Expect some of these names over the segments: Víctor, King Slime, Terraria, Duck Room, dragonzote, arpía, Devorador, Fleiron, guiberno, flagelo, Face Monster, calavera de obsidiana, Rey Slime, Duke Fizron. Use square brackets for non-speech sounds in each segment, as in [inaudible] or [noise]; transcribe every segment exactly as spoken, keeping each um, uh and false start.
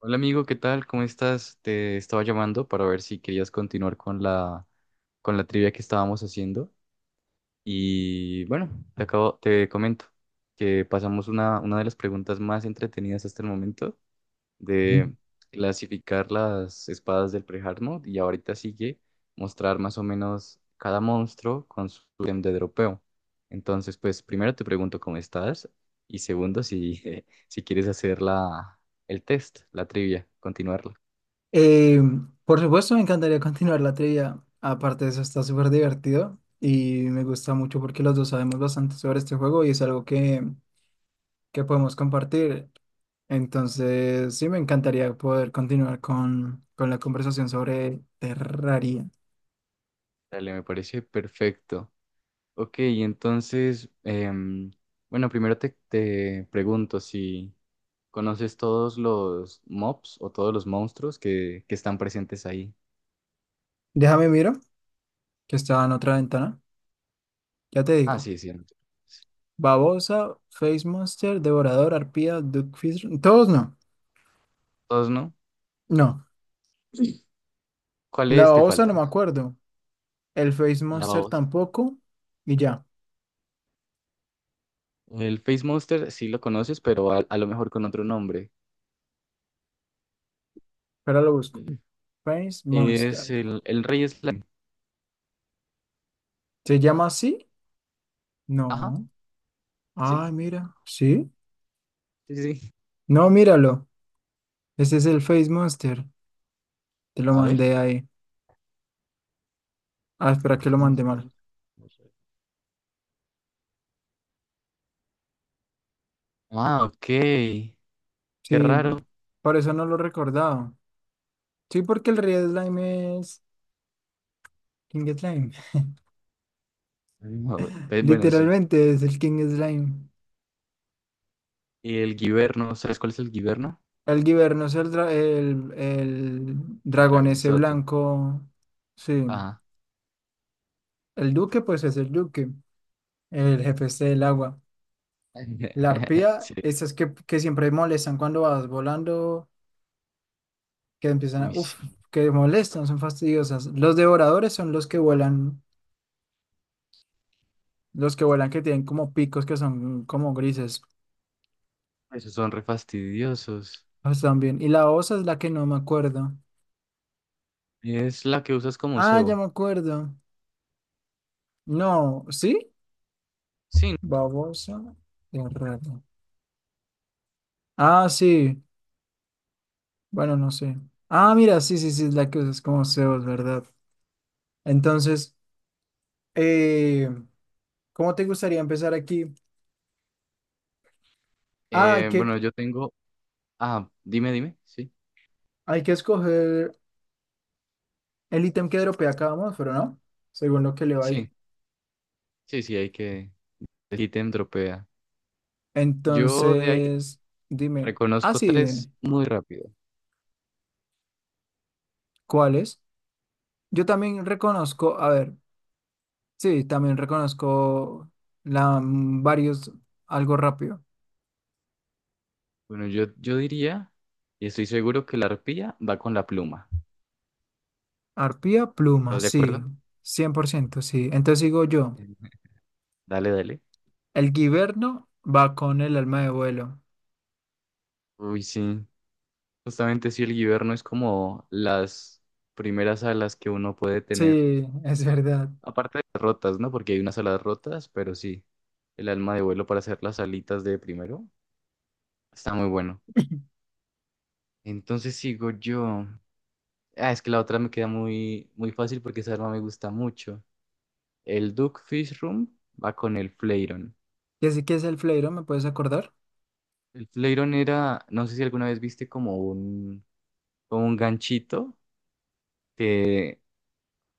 Hola amigo, ¿qué tal? ¿Cómo estás? Te estaba llamando para ver si querías continuar con la, con la trivia que estábamos haciendo. Y bueno, te acabo, te comento que pasamos una, una de las preguntas más entretenidas hasta el momento de clasificar las espadas del pre-Hard Mode, y ahorita sigue mostrar más o menos cada monstruo con su ítem de dropeo. Entonces, pues primero te pregunto cómo estás y segundo si, [laughs] si quieres hacer la, el test, la trivia, continuarla. Eh, por supuesto, me encantaría [laughs] continuar la trivia. Aparte de eso, está súper divertido y me gusta mucho porque los dos sabemos bastante sobre este juego y es algo que, que podemos compartir. Entonces, sí, me encantaría poder continuar con, con la conversación sobre Terraria. Dale, me parece perfecto. Ok, entonces, em, bueno, primero te, te pregunto si conoces todos los mobs o todos los monstruos que, que están presentes ahí. Déjame miro, que estaba en otra ventana. Ya te Ah, digo. sí, sí, no te preocupes. Babosa, Face Monster, Devorador, Arpía, Duckfish. Todos no. ¿Todos no? No. La ¿Cuáles te babosa no me faltan? acuerdo. El Face La Monster babosa. tampoco. Y ya. El Face Monster sí lo conoces, pero a, a lo mejor con otro nombre. Pero lo busco. Face Es Monster. el, el Rey Slime. ¿Se llama así? Ajá, No. sí, Ah, mira. ¿Sí? sí, sí. No, míralo. Ese es el Face Monster. Te lo A ver. mandé ahí. Ah, espera que Face lo mandé Monster. mal. Ah, ok. Qué Sí, raro. por eso no lo recordaba. Sí, porque el Red Slime es King Slime. [laughs] No, eh, bueno, sí. Literalmente es el King Slime. Y el guiberno, ¿sabes cuál es el guiberno? El Giverno es el, dra- el, el El dragón ese dragonzote. blanco. Sí. Ajá. El Duque, pues es el Duque. El jefe ese del agua. La [laughs] arpía, Sí. esas que, que siempre molestan cuando vas volando, que empiezan a, Uy, sí. uf, que molestan, son fastidiosas. Los devoradores son los que vuelan, los que vuelan que tienen como picos que son como grises, Esos son re fastidiosos. ah, están. Y la osa es la que no me acuerdo. Es la que usas como Ah, ya cebo. me acuerdo. No, ¿sí? Sí. Babosa de rato. Ah, sí. Bueno, no sé. Ah, mira, sí, sí, sí, es la que es como Zeus, ¿verdad? Entonces, eh, ¿cómo te gustaría empezar aquí? Ah, hay Eh, que. bueno, yo tengo. Ah, dime, dime. Sí. Hay que escoger el ítem que dropea cada monstruo, ¿no? Según lo que le va Sí. ahí. Sí, sí, hay que. El ítem dropea. Yo de ahí Entonces, dime. Ah, reconozco sí, tres dime. muy rápido. ¿Cuáles? Yo también reconozco, a ver, sí, también reconozco la, mm, varios, algo rápido. Bueno, yo, yo diría, y estoy seguro que la arpía va con la pluma. Arpía, pluma, ¿Estás de sí, acuerdo? cien por ciento, sí. Entonces digo yo, [laughs] Dale, dale. el guiberno va con el alma de vuelo. Uy, sí. Justamente si el guiberno es como las primeras alas que uno puede tener, Sí, [laughs] es verdad. aparte de las rotas, ¿no? Porque hay unas alas rotas, pero sí, el alma de vuelo para hacer las alitas de primero está muy bueno. Entonces sigo yo. Ah, es que la otra me queda muy, muy fácil porque esa arma me gusta mucho. El Duck Room va con el Fleiron. ¿Y así que es el fleiro? ¿Me puedes acordar? El Fleiron era, no sé si alguna vez viste como un, como un ganchito que,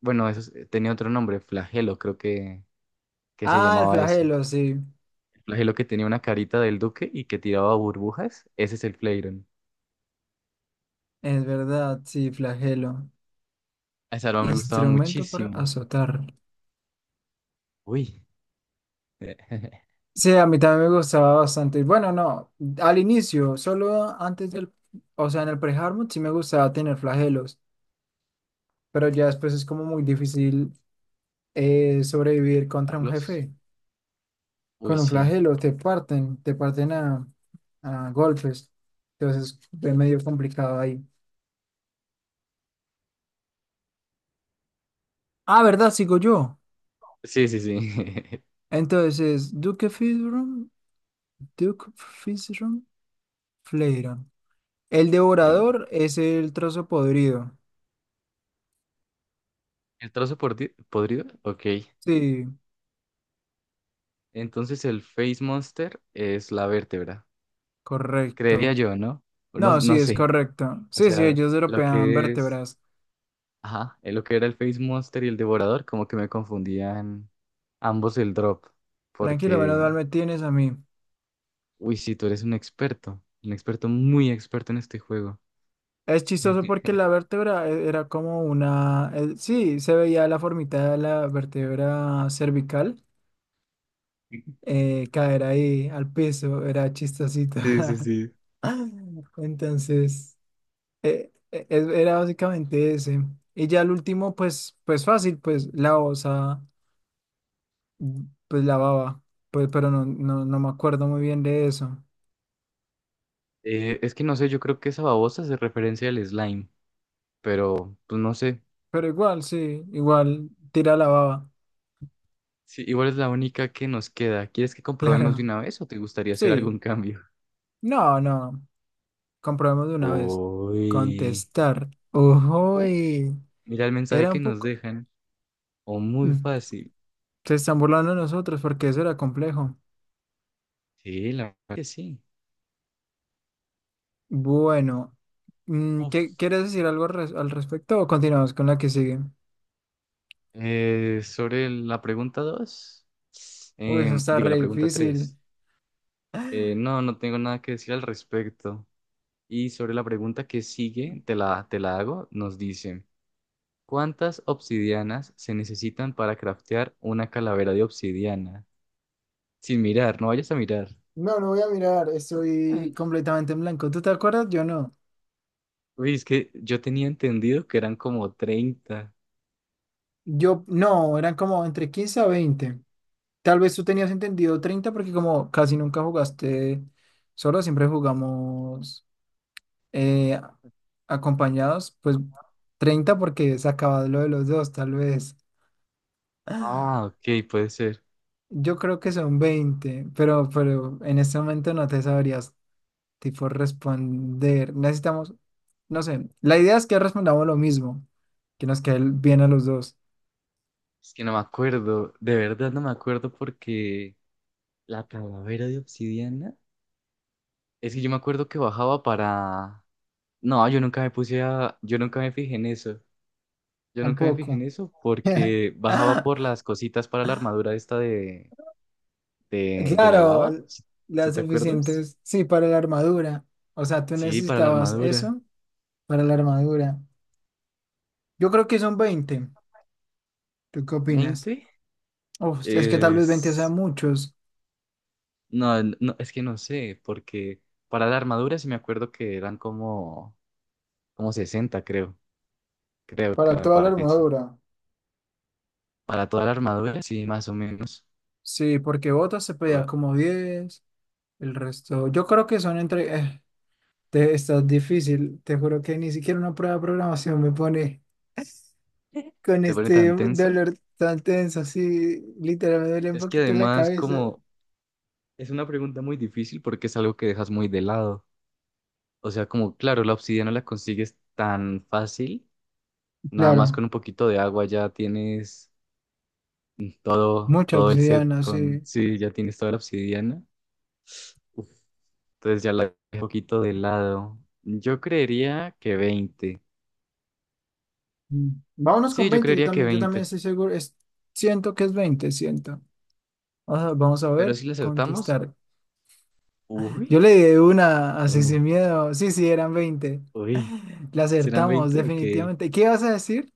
bueno, eso es- tenía otro nombre, flagelo, creo que, que se Ah, el llamaba eso. flagelo, sí. El flagelo que tenía una carita del duque y que tiraba burbujas, ese es el Flareon. Es verdad, sí, flagelo. Esa arma me gustaba Instrumento para muchísimo. azotar. Uy, [laughs] Sí, a mí también me gustaba bastante. Bueno, no, al inicio, solo antes del, o sea, en el pre-hardmode sí me gustaba tener flagelos, pero ya después es como muy difícil eh, sobrevivir contra un Carlos. jefe. Uy, Con un sí. flagelo te parten, te parten a, a golpes. Entonces es medio complicado ahí. Ah, ¿verdad? Sigo yo. Sí, sí, sí. Entonces, Duke Fizron, Duke Fizron, Fleiron. El [laughs] Tirón. devorador es el trozo podrido. ¿El trozo pordi- podrido? Ok. Sí, Entonces el Face Monster es la vértebra. Creería correcto. yo, ¿no? No, No, sí, no es sé. correcto. O Sí, sí, sea, ellos lo european que es... vértebras. Ajá, eh, lo que era el Face Monster y el Devorador, como que me confundían ambos el drop, Tranquilo, menos porque mal me tienes a mí. uy, sí, tú eres un experto, un experto muy experto en este juego. Es chistoso porque la [laughs] vértebra e- era como una... eh, sí, se veía la formita de la vértebra cervical, eh, caer ahí al piso. Era chistosito. Sí, sí, [laughs] sí. Entonces, eh, e- e- era básicamente ese. Y ya el último, pues, pues fácil, pues la osa. Pues la baba, pues, pero no, no, no me acuerdo muy bien de eso. Eh, es que no sé, yo creo que esa babosa se referencia al slime, pero pues no sé. Pero igual, sí, igual tira la baba, Sí, igual es la única que nos queda. ¿Quieres que [laughs] comprobemos de claro. una vez o te gustaría hacer Sí, algún cambio? no, no, comprobemos de una vez. Uy. Contestar. Uf, Uy, mira el mensaje era que un nos poco... dejan. O muy mm, fácil. se están burlando de nosotros porque eso era complejo. Sí, la verdad que sí. Bueno, mm, Uf. ¿qué, quieres decir algo res- al respecto o continuamos con la que sigue? Eh, sobre la pregunta dos, Uy, eso em, está digo re la pregunta difícil. tres. Eh, no, no tengo nada que decir al respecto. Y sobre la pregunta que sigue, te la, te la hago, nos dice, ¿cuántas obsidianas se necesitan para craftear una calavera de obsidiana? Sin mirar, no vayas a mirar. No, no voy a mirar, estoy Ay. completamente en blanco. ¿Tú te acuerdas? Yo no. Uy, es que yo tenía entendido que eran como treinta. Yo, no, eran como entre quince a veinte. Tal vez tú tenías entendido treinta porque como casi nunca jugaste solo, siempre jugamos eh, acompañados, pues treinta porque se acaba lo de los dos, tal vez. [gasps] Ah, ok, puede ser. [laughs] Yo creo que son veinte pero, pero en este momento no te sabrías tipo responder. Necesitamos, no sé, la idea es que respondamos lo mismo, que nos quede bien a los dos. Es que no me acuerdo, de verdad no me acuerdo porque la calavera de obsidiana, es que yo me acuerdo que bajaba para... No, yo nunca me puse a... Yo nunca me fijé en eso. Yo nunca me fijé en Tampoco. eso [laughs] porque bajaba por [laughs] las cositas para la armadura esta de, de, de la Claro, lava, l- ¿si si las te acuerdas? suficientes, sí, para la armadura. O sea, tú Sí, para la necesitabas armadura. eso para la armadura. Yo creo que son veinte. ¿Tú qué opinas? ¿veinte? Uf, es que tal vez veinte Es... sean muchos No, no, es que no sé, porque para la armadura sí me acuerdo que eran como, como sesenta, creo, creo que para me toda la parece. armadura. Para toda la armadura, sí, más o menos. Sí, porque botas se pedía Pa- como diez, el resto. Yo creo que son entre... eh, te, está difícil, te juro que ni siquiera una prueba de programación me pone con te pone este tan tensa. dolor tan tenso, así literal me duele un Es que poquito la además cabeza. como es una pregunta muy difícil porque es algo que dejas muy de lado. O sea, como claro, la obsidiana la consigues tan fácil, nada más con Claro, un poquito de agua ya tienes todo, mucha todo el set obsidiana, con, sí. sí, ya tienes toda la obsidiana. Uf, entonces ya la dejé un poquito de lado. Yo creería que veinte. Mm. Vámonos con Sí, yo veinte yo creería que también, yo también veinte. estoy seguro, es, siento que es veinte siento. Vamos a, vamos a Pero ver, si le acertamos, contestar. Yo uy, le di una así uy, sin miedo, sí, sí, eran veinte. uy, La ¿serán acertamos, veinte? Ok. definitivamente. ¿Qué ibas a decir?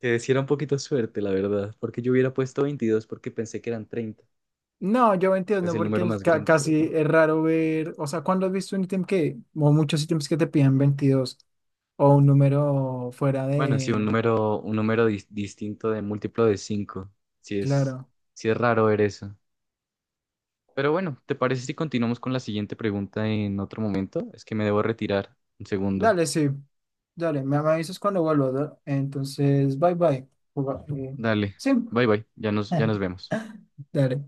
Que sí era un poquito suerte, la verdad, porque yo hubiera puesto veintidós porque pensé que eran treinta. No, yo veintidós Es no, el porque número el, más ca- grande, pero casi no. es raro ver, o sea, ¿cuándo has visto un ítem que, o muchos ítems que te piden veintidós o un número fuera Bueno, sí, de, un número, un número dis- distinto de múltiplo de cinco. Sí es, claro. sí es raro ver eso. Pero bueno, ¿te parece si continuamos con la siguiente pregunta en otro momento? Es que me debo retirar un segundo. Dale, sí, dale, me, me avisas cuando vuelvo, ¿no? Entonces, bye bye. Juga- eh, Dale, Sí. bye bye, ya nos, ya nos [laughs] vemos. ¿Dale.